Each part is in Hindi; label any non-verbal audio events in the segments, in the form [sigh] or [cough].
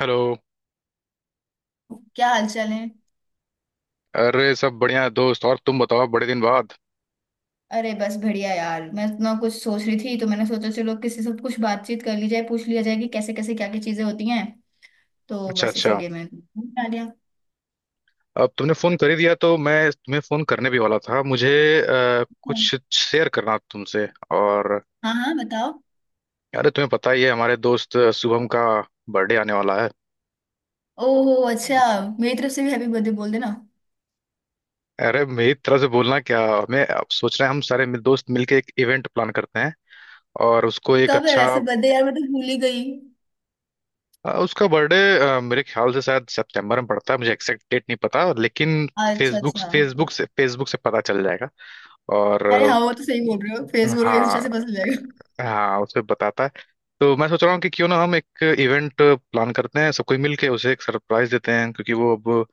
हेलो। क्या हाल चाल है। अरे सब बढ़िया है दोस्त। और तुम बताओ, बड़े दिन बाद। अरे बस बढ़िया यार मैं इतना कुछ सोच रही थी, तो मैंने सोचा चलो किसी से कुछ बातचीत कर ली जाए, पूछ लिया जाए कि कैसे कैसे क्या क्या चीजें होती हैं। तो अच्छा बस अच्छा। इसीलिए मैं आ गया। अब तुमने फोन कर ही दिया, तो मैं तुम्हें फोन करने भी वाला था। मुझे कुछ शेयर करना था तुमसे। और हाँ हाँ, बताओ। अरे, तुम्हें पता ही है हमारे दोस्त शुभम का बर्थडे आने वाला है। ओहो अच्छा। मेरी तरफ से भी हैप्पी बर्थडे बोल देना। अरे मेरी तरफ से बोलना क्या, हमें अब सोच रहे हैं हम सारे दोस्त मिलके एक इवेंट प्लान करते हैं। और उसको एक कब है अच्छा। वैसे बर्थडे यार, मैं तो भूल ही गई। उसका बर्थडे मेरे ख्याल से शायद सितंबर में पड़ता है। मुझे एग्जैक्ट डेट नहीं पता, लेकिन अच्छा फेसबुक अच्छा। फेसबुक से पता चल जाएगा। और अरे हाँ, वो तो सही बोल रहे हो, फेसबुक और इंस्टा हाँ से पता चल जाएगा। हाँ, उसे बताता है। तो मैं सोच रहा हूँ कि क्यों ना हम एक इवेंट प्लान करते हैं, सब कोई मिलके उसे एक सरप्राइज देते हैं, क्योंकि वो अब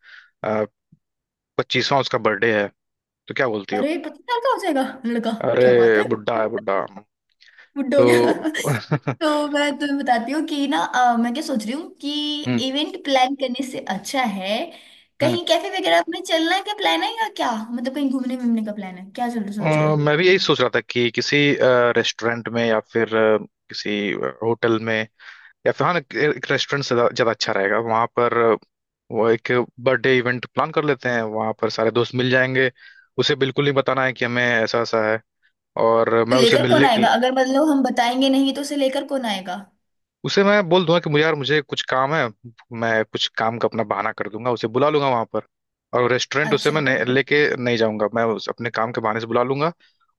25वां उसका बर्थडे है। तो क्या बोलती हो। अरे 25 साल का हो जाएगा लड़का। क्या बात अरे है। बुड्ढा है बुड्ढा। बुड्ढा हो गया तो [laughs] [laughs] तो मैं तुम्हें बताती हूँ कि ना, मैं क्या सोच रही हूँ कि हम्म इवेंट प्लान करने से अच्छा है हम्म। कहीं कैफे वगैरह में चलना का प्लान है, या क्या मतलब कहीं घूमने घूमने का प्लान है क्या, चल सोच रहे हो। मैं भी यही सोच रहा था कि किसी रेस्टोरेंट में या फिर किसी होटल में, या फिर हाँ एक रेस्टोरेंट से ज्यादा अच्छा रहेगा। वहां पर वो एक बर्थडे इवेंट प्लान कर लेते हैं, वहां पर सारे दोस्त मिल जाएंगे। उसे बिल्कुल नहीं बताना है कि हमें ऐसा ऐसा है। और तो मैं उसे लेकर कौन मिलने के आएगा, लिए अगर मतलब हम बताएंगे नहीं तो उसे लेकर कौन आएगा। उसे मैं बोल दूंगा कि मुझे यार मुझे कुछ काम है। मैं कुछ काम का अपना बहाना कर दूंगा, उसे बुला लूंगा वहां पर। और रेस्टोरेंट उसे अच्छा मैं अच्छा। लेके नहीं जाऊंगा, मैं उस अपने काम के बहाने से बुला लूंगा।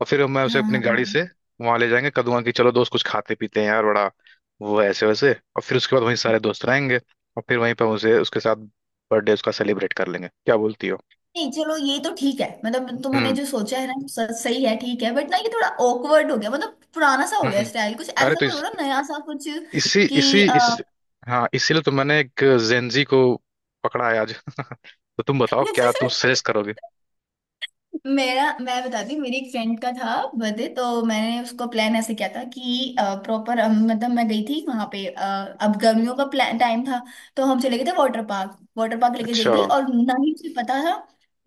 और फिर मैं उसे हाँ अपनी हाँ गाड़ी हाँ। से वहां ले जाएंगे, कह दूंगा कि चलो दोस्त कुछ खाते पीते हैं यार, बड़ा वो है ऐसे वैसे। और फिर उसके बाद वहीं सारे दोस्त रहेंगे, और फिर वहीं पर उसे उसके साथ बर्थडे उसका सेलिब्रेट कर लेंगे। क्या बोलती हो। नहीं चलो ये तो ठीक है, मतलब तुमने हम्म। जो सोचा है ना वो सही है, ठीक है, बट ना ये थोड़ा ऑकवर्ड हो गया, मतलब पुराना सा हो हम्म। गया हम्म। स्टाइल, कुछ अरे ऐसा तो करो इस ना नया सा कुछ। इसी इसी कि इस हाँ इसीलिए तो मैंने एक जेंजी को पकड़ा है आज। तो तुम अ, बताओ [laughs] क्या तुम सजेस्ट करोगे। मेरा मैं बताती हूँ, मेरी एक फ्रेंड का था बर्थडे, तो मैंने उसको प्लान ऐसे किया था कि प्रॉपर मतलब मैं गई थी वहां पे, अब गर्मियों का प्लान टाइम था। तो हम चले गए थे वाटर पार्क, वाटर पार्क लेके गई अच्छा। थी, और ना ही मुझे पता था,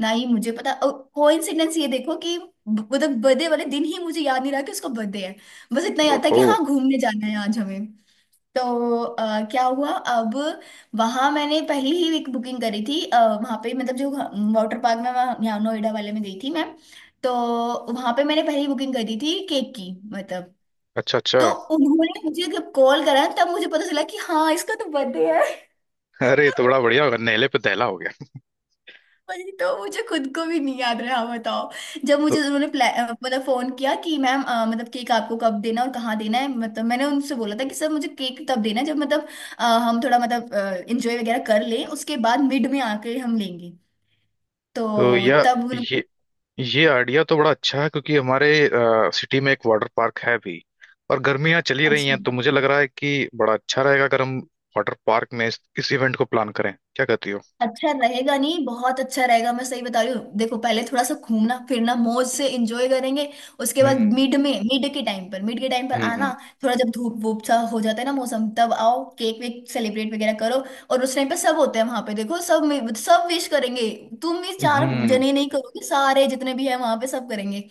ना ही मुझे पता, कोइंसिडेंस ये देखो कि मतलब बर्थडे वाले दिन ही मुझे याद नहीं रहा कि उसका बर्थडे है। बस इतना याद था कि ओहो। हाँ घूमने जाना है आज हमें। तो क्या हुआ अब, वहां मैंने पहले ही एक बुकिंग करी थी वहां पे मतलब जो वाटर पार्क में यहाँ नोएडा वाले में गई थी मैं। तो वहां पे मैंने पहले ही बुकिंग करी थी केक की, मतलब। अच्छा अच्छा। तो उन्होंने मुझे जब कॉल करा तब मुझे पता चला कि हाँ इसका तो बर्थडे है। अरे ये तो बड़ा बढ़िया होगा, नेले पे दहला हो गया। वही तो, मुझे खुद को भी नहीं याद रहा, बताओ। जब तो मुझे उन्होंने मतलब फोन किया कि मैम मतलब केक आपको कब देना और कहाँ देना है, मतलब मैंने उनसे बोला था कि सर मुझे केक तब देना है जब मतलब हम थोड़ा मतलब इंजॉय वगैरह कर लें, उसके बाद मिड में आके हम लेंगे। तो तो यह तब उन। ये ये आइडिया तो बड़ा अच्छा है, क्योंकि हमारे सिटी में एक वाटर पार्क है भी, और गर्मियां चली रही अच्छा। हैं। तो मुझे लग रहा है कि बड़ा अच्छा रहेगा अगर हम वाटर पार्क में इस इवेंट को प्लान करें। क्या कहती हो। अच्छा रहेगा, नहीं बहुत अच्छा रहेगा, मैं सही बता रही हूँ, देखो पहले थोड़ा सा घूमना फिरना मौज से एंजॉय करेंगे। उसके बाद हम्म मिड में, मिड के टाइम पर आना। हम्म। थोड़ा जब धूप वूप सा हो जाता है ना मौसम, तब आओ केक वेक सेलिब्रेट वगैरह करो। और उस टाइम पर सब होते हैं वहां पे, देखो सब सब विश करेंगे। तुम ही चार हम्म। जने नहीं करोगे, सारे जितने भी हैं वहां पे सब करेंगे।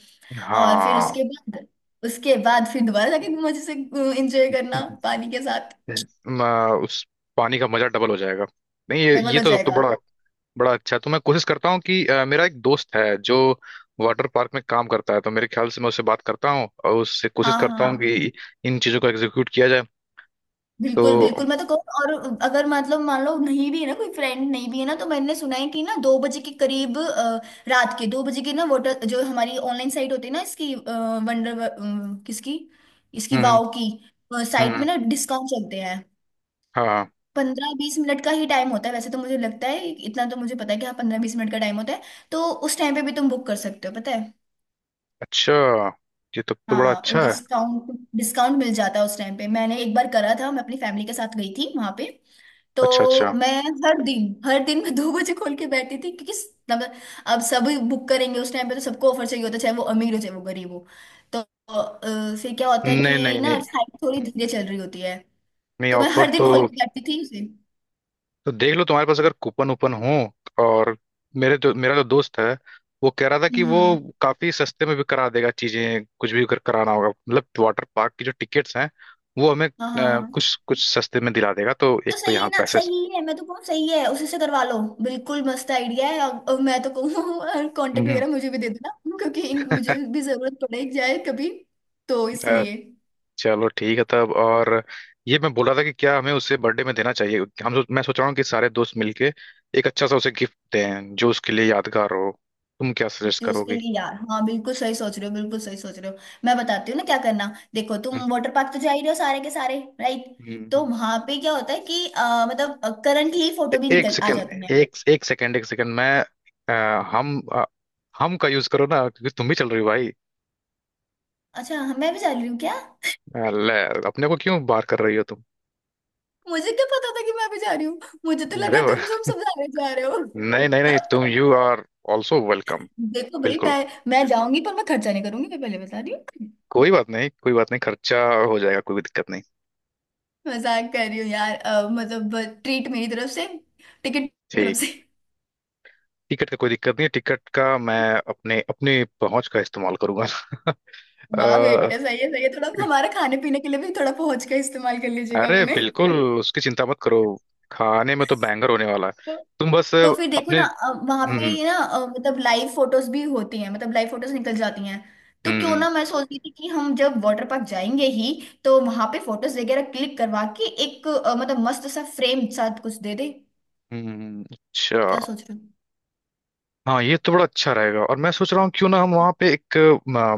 और फिर हाँ। उसके बाद, फिर दोबारा जाके मजे से एंजॉय करना पानी के साथ। [laughs] उस पानी का मजा डबल हो जाएगा। नहीं, ये डबल ये हो तो, तो जाएगा। बड़ा बड़ा अच्छा। तो मैं कोशिश करता हूँ कि मेरा एक दोस्त है जो वाटर पार्क में काम करता है। तो मेरे ख्याल से मैं उससे बात करता हूँ और उससे कोशिश हाँ करता हूँ हाँ हाँ। कि इन चीज़ों को एग्जीक्यूट किया जाए। तो बिल्कुल बिल्कुल, मैं तो कहूँ, और अगर मतलब मान लो नहीं भी है ना कोई फ्रेंड, नहीं भी है ना, तो मैंने सुना है कि ना 2 बजे के करीब, रात के 2 बजे के ना वोटर जो हमारी ऑनलाइन साइट होती है ना, इसकी वंडर। किसकी। इसकी हम्म वाओ की हम्म। साइट में हम्म। ना डिस्काउंट चलते हैं। हाँ। 15-20 मिनट का ही टाइम होता है वैसे, तो मुझे लगता है, इतना तो मुझे पता है कि हाँ 15-20 मिनट का टाइम होता है। तो उस टाइम पे भी तुम बुक कर सकते हो, पता है। अच्छा ये तो बड़ा हाँ, और अच्छा है। डिस्काउंट डिस्काउंट मिल जाता है उस टाइम पे, मैंने एक बार करा था, मैं अपनी फैमिली के साथ गई थी वहां पे। अच्छा अच्छा। तो मैं हर दिन, हर दिन मैं 2 बजे खोल के बैठती थी, क्योंकि मतलब अब सभी बुक करेंगे उस टाइम पे, तो सबको ऑफर चाहिए होता है, चाहे वो अमीर हो चाहे वो गरीब हो। तो फिर क्या होता है नहीं कि नहीं ना नहीं साइट थोड़ी धीरे चल रही होती है। नहीं, तो मैं ऑफर हर दिन खोल के बैठती थी उसे। तो देख लो, तुम्हारे पास अगर कूपन वूपन हो। और मेरे जो मेरा जो दोस्त है, वो कह रहा था कि वो हम्म। काफी सस्ते में भी करा देगा चीजें। कुछ भी अगर कराना होगा, मतलब वाटर पार्क की जो टिकट्स हैं, वो हमें हाँ हाँ हाँ। कुछ कुछ सस्ते में दिला देगा। तो तो एक तो सही है यहाँ ना, पैसे। सही है, मैं तो कहूँ सही है, उसी से करवा लो। बिल्कुल मस्त आइडिया है, और मैं तो कहूँ [laughs] कांटेक्ट हम्म। वगैरह मुझे भी दे देना, क्योंकि मुझे भी जरूरत पड़े जाए कभी, तो अ, इसलिए। चलो ठीक है तब। और ये मैं बोल रहा था कि क्या हमें उसे बर्थडे में देना चाहिए। मैं सोच रहा हूँ कि सारे दोस्त मिलके एक अच्छा सा उसे गिफ्ट दें, जो उसके लिए यादगार हो। तुम क्या सजेस्ट जो उसके करोगी। लिए यार, हाँ बिल्कुल सही सोच रहे हो, बिल्कुल सही सोच रहे हो। मैं बताती हूँ ना क्या करना। देखो तुम हम्म वाटर पार्क तो जा ही रहे हो सारे के सारे, राइट। तो हम्म। वहां पे क्या होता है कि मतलब करंटली फोटो भी एक निकल आ सेकंड, जाती है। एक एक सेकंड, एक सेकंड मैं अ, हम हम का यूज करो ना, क्योंकि तुम भी चल रही हो भाई। अच्छा, हाँ, मैं भी जा रही हूँ क्या। अ, ले, अपने को क्यों बार कर रही हो तुम। मुझे क्या पता था कि मैं भी जा रही हूँ। मुझे तो अरे लगा वो- तुम सब सब जा रहे हो नहीं नहीं नहीं, तुम [laughs] यू आर ऑल्सो वेलकम। देखो भाई, बिल्कुल। मैं जाऊंगी पर मैं खर्चा नहीं करूंगी, मैं पहले बता रही हूँ। कोई बात नहीं, कोई बात नहीं, खर्चा हो जाएगा, कोई भी दिक्कत नहीं। [laughs] मजाक कर रही हूँ यार, मतलब ट्रीट मेरी तरफ से, टिकट तरफ ठीक। से। टिकट का कोई दिक्कत नहीं है, टिकट का मैं अपने अपनी पहुंच का इस्तेमाल करूंगा। [laughs] वाह बेटे, अ, सही है सही है, थोड़ा हमारे खाने पीने के लिए भी थोड़ा पहुंच का इस्तेमाल कर लीजिएगा अरे अपने। बिल्कुल, उसकी चिंता मत करो, खाने में तो बैंगर होने वाला है। तो तुम बस तो फिर देखो अपने। ना, वहां हम्म पे ना मतलब लाइव फोटोज भी होती हैं, मतलब लाइव फोटोज निकल जाती हैं। तो क्यों हम्म। ना, मैं सोच रही थी कि हम जब वाटर पार्क जाएंगे ही, तो वहां पे फोटोज वगैरह क्लिक करवा के एक मतलब मस्त सा फ्रेम साथ कुछ दे दे। अच्छा। क्या सोच रहे हो। हाँ ये तो बड़ा अच्छा रहेगा। और मैं सोच रहा हूँ क्यों ना हम वहाँ पे एक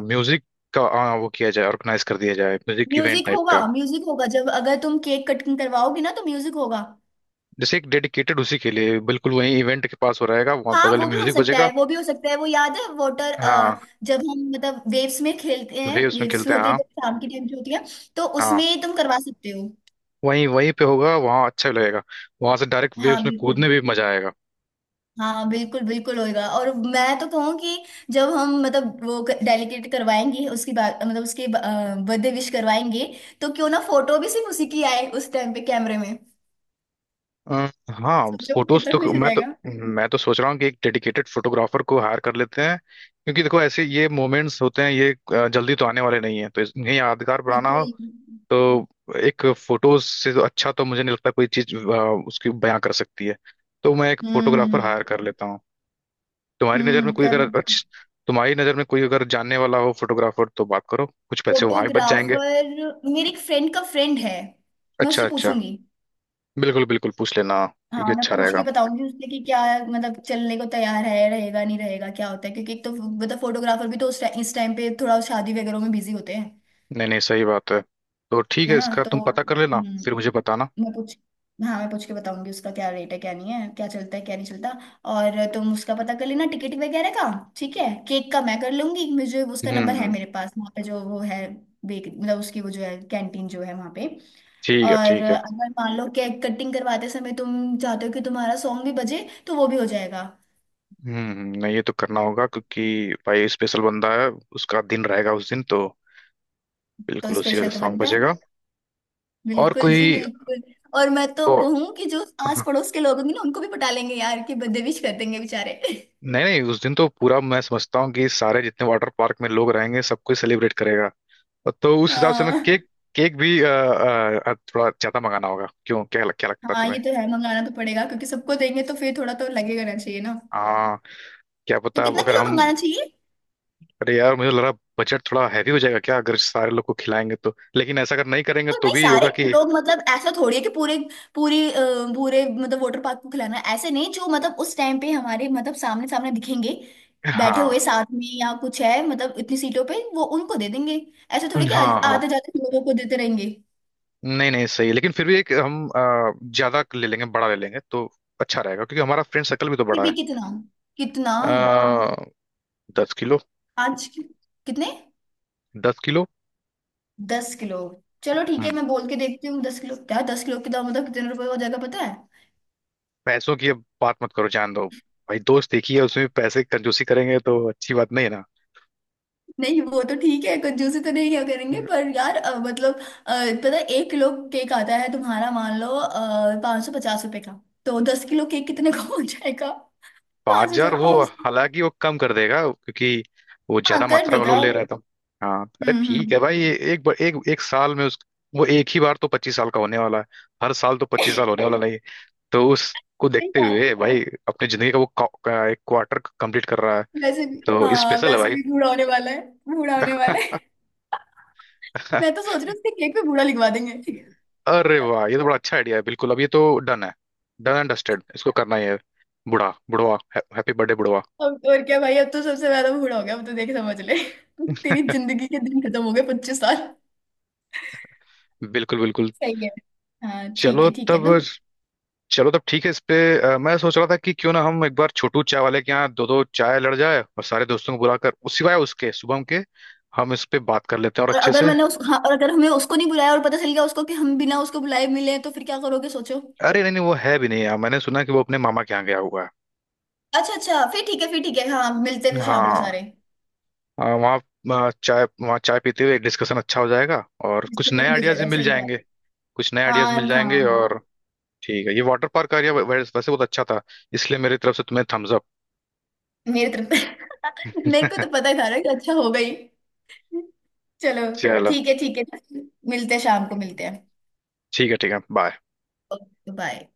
म्यूजिक का वो किया जाए, ऑर्गेनाइज कर दिया जाए, म्यूजिक इवेंट म्यूजिक टाइप होगा, का। म्यूजिक होगा जब अगर तुम केक कटिंग करवाओगे ना तो म्यूजिक होगा। जैसे एक डेडिकेटेड उसी के लिए, बिल्कुल वहीं इवेंट के पास हो रहेगा, वहाँ हाँ, बगल वो में भी हो म्यूजिक सकता बजेगा। है, वो भी हो सकता है, वो याद है वाटर, हाँ, जब हम मतलब वेव्स में खेलते हैं, वेव्स में वेव्स खेलते हैं होते हैं हाँ। जब शाम के टाइम जो होती है, तो हाँ उसमें तुम करवा सकते हो। वहीं वहीं पे होगा, वहाँ अच्छा लगेगा। वहां से डायरेक्ट हाँ वेव्स में बिल्कुल। कूदने भी मजा आएगा। हाँ बिल्कुल बिल्कुल होएगा, और मैं तो कहूँ कि जब हम मतलब वो डेलीकेट करवाएंगे उसकी बात, मतलब उसके बर्थडे विश करवाएंगे, तो क्यों ना फोटो भी सिर्फ उसी की आए उस टाइम पे कैमरे में। अ, हाँ, सोचो फोटोज कितना तो खुश हो जाएगा। मैं तो सोच रहा हूँ कि एक डेडिकेटेड फोटोग्राफर को हायर कर लेते हैं। क्योंकि देखो, ऐसे ये मोमेंट्स होते हैं ये जल्दी तो आने वाले नहीं है, तो इन्हें यादगार बनाना हो, बिल्कुल। तो एक फोटोज से तो अच्छा तो मुझे नहीं लगता कोई चीज उसकी बयां कर सकती है। तो मैं एक फोटोग्राफर हायर हम्म। कर लेता हूँ। तुम्हारी नजर में कोई कर अगर लो। अच्छ, तुम्हारी नजर में कोई अगर जानने वाला हो फोटोग्राफर, तो बात करो, कुछ पैसे वहां भी बच जाएंगे। फोटोग्राफर, मेरे एक फ्रेंड का फ्रेंड है, मैं अच्छा उससे अच्छा। पूछूंगी। बिल्कुल बिल्कुल पूछ लेना, क्योंकि हाँ मैं अच्छा पूछ के रहेगा। बताऊंगी उससे कि क्या मतलब चलने को तैयार है, रहेगा नहीं रहेगा क्या होता है, क्योंकि एक तो मतलब फोटोग्राफर भी तो उस टाइम इस टाइम पे थोड़ा शादी वगैरह में बिजी होते हैं। नहीं नहीं, सही बात है। तो ठीक है है, ना, इसका तो तुम पता कर लेना, फिर मुझे हम्म। बताना। मैं पूछ हाँ मैं पूछ के बताऊंगी उसका क्या रेट है क्या नहीं है, क्या चलता है क्या नहीं चलता। और तुम उसका पता कर लेना टिकट वगैरह का। ठीक है, केक का मैं कर लूंगी, मुझे उसका नंबर है हम्म। मेरे पास, वहाँ पे जो वो है, बेक, मतलब उसकी वो जो है कैंटीन जो है वहाँ पे। ठीक है और ठीक है। अगर मान लो केक कटिंग करवाते समय तुम चाहते हो कि तुम्हारा सॉन्ग भी बजे, तो वो भी हो जाएगा। हम्म। नहीं ये तो करना होगा, क्योंकि भाई स्पेशल बंदा है, उसका दिन रहेगा उस दिन तो, तो बिल्कुल उसी का स्पेशल तो सॉन्ग बनता है, बजेगा। और बिल्कुल कोई जी बिल्कुल। और मैं तो को। कहूँ कि जो आस पड़ोस के लोग होंगे ना उनको भी पटा लेंगे यार, कि बदतमीज कर देंगे बेचारे [laughs] नहीं नहीं, उस दिन तो पूरा मैं समझता हूँ कि सारे जितने वाटर पार्क में लोग रहेंगे सबको सेलिब्रेट करेगा। तो उस हिसाब से मैं हाँ केक केक भी थोड़ा ज्यादा मंगाना होगा। क्या लगता है हाँ, ये तुम्हें। तो है, मंगाना तो पड़ेगा क्योंकि सबको देंगे तो फिर थोड़ा तो लगेगा ना, चाहिए ना। हाँ, क्या तो पता कितना अगर किलो हम। मंगाना चाहिए। अरे यार मुझे लग रहा बजट थोड़ा हैवी हो जाएगा क्या, अगर सारे लोग को खिलाएंगे तो। लेकिन ऐसा अगर नहीं करेंगे तो तो नहीं भी सारे होगा कि लोग, मतलब ऐसा थोड़ी है कि पूरे पूरी पूरे मतलब वाटर पार्क को खिलाना है। ऐसे नहीं, जो मतलब उस टाइम पे हमारे मतलब सामने सामने दिखेंगे बैठे हाँ हुए साथ में, या कुछ है मतलब इतनी सीटों पे वो उनको दे देंगे। ऐसे थोड़ी कि हाँ हाँ आते जाते लोगों को देते रहेंगे। नहीं नहीं सही है। लेकिन फिर भी एक हम ज्यादा ले लेंगे, बड़ा ले लेंगे तो अच्छा रहेगा, क्योंकि हमारा फ्रेंड सर्कल भी तो फिर बड़ा भी है। कितना, कितना, आ, 10 किलो। पाँच कि- कितने, 10 किलो। 10 किलो। चलो ठीक है, हम्म, मैं बोल के देखती हूँ 10 किलो, क्या 10 किलो के दाम मतलब कितने रुपए हो जाएगा पता है। पैसों की अब बात मत करो जान दो। भाई दोस्त एक ही है, उसमें पैसे की कंजूसी करेंगे तो अच्छी बात नहीं है। नहीं वो तो ठीक है, कंजूसी तो नहीं क्या करेंगे ना पर यार, मतलब पता है 1 किलो केक आता है तुम्हारा मान लो 550 रुपए का। तो 10 किलो केक कितने का हो जाएगा। पाँच पाँच हजार हजार वो पाँच सौ हालांकि वो कम कर देगा, क्योंकि वो हाँ ज्यादा कर मात्रा में देगा। लोन ले रहा था। हाँ, अरे ठीक हम्म। है भाई, एक बार एक एक साल में उस वो एक ही बार तो 25 साल का होने वाला है। हर साल [laughs] तो 25 साल सही होने वाला नहीं है। तो उसको देखते बात। हुए भाई अपनी जिंदगी का का एक क्वार्टर कंप्लीट कर रहा है। वैसे भी, तो हाँ स्पेशल है वैसे भाई। भी बूढ़ा होने वाला है, बूढ़ा होने वाला है। मैं तो [laughs] सोच रही हूँ उसके केक पे बूढ़ा लिखवा देंगे। अरे वाह ये तो बड़ा अच्छा आइडिया है, बिल्कुल। अब ये तो डन है। डन एंड डस्टेड, इसको करना ही है। बुढ़ा बुढ़वा, हैप्पी बर्थडे बुढ़वा। अब और क्या भाई, अब तो सबसे ज्यादा बूढ़ा हो गया, अब तो देख समझ ले [laughs] तेरी जिंदगी के दिन खत्म हो गए 25 साल। बिल्कुल बिल्कुल। सही है। हाँ चलो ठीक है तब, तो। चलो तब ठीक है। इस पे मैं सोच रहा था कि क्यों ना हम एक बार छोटू चाय वाले के यहाँ दो दो चाय लड़ जाए, और सारे दोस्तों को बुलाकर उस सिवाय उसके शुभम के, हम इस पे बात कर लेते हैं और और अच्छे अगर से। मैंने उस हाँ और अगर हमें उसको नहीं बुलाया और पता चल गया उसको कि हम बिना उसको बुलाए मिले, तो फिर क्या करोगे सोचो। अरे नहीं नहीं, वो है भी नहीं यहाँ, मैंने सुना कि वो अपने मामा के यहाँ गया हुआ है। अच्छा अच्छा, फिर ठीक है, फिर ठीक है, हाँ मिलते हैं फिर शाम को हाँ सारे। अ, वहाँ वहाँ चाय पीते हुए डिस्कशन अच्छा हो जाएगा और कुछ नए डिस्कशन भी हो आइडियाज भी जाएगा, मिल सही बात। जाएंगे। कुछ नए आइडियाज हाँ मिल हाँ जाएंगे। हाँ। और ठीक है, ये वाटर पार्क का एरिया वैसे बहुत अच्छा था, इसलिए मेरी तरफ से तुम्हें थम्स अप। मेरी तरफ [laughs] मेरे को तो [laughs] पता था ना कि अच्छा हो गई। चलो। चलो, ठीक है ठीक है, मिलते हैं शाम को, मिलते हैं। ठीक है ठीक है, बाय। Okay bye.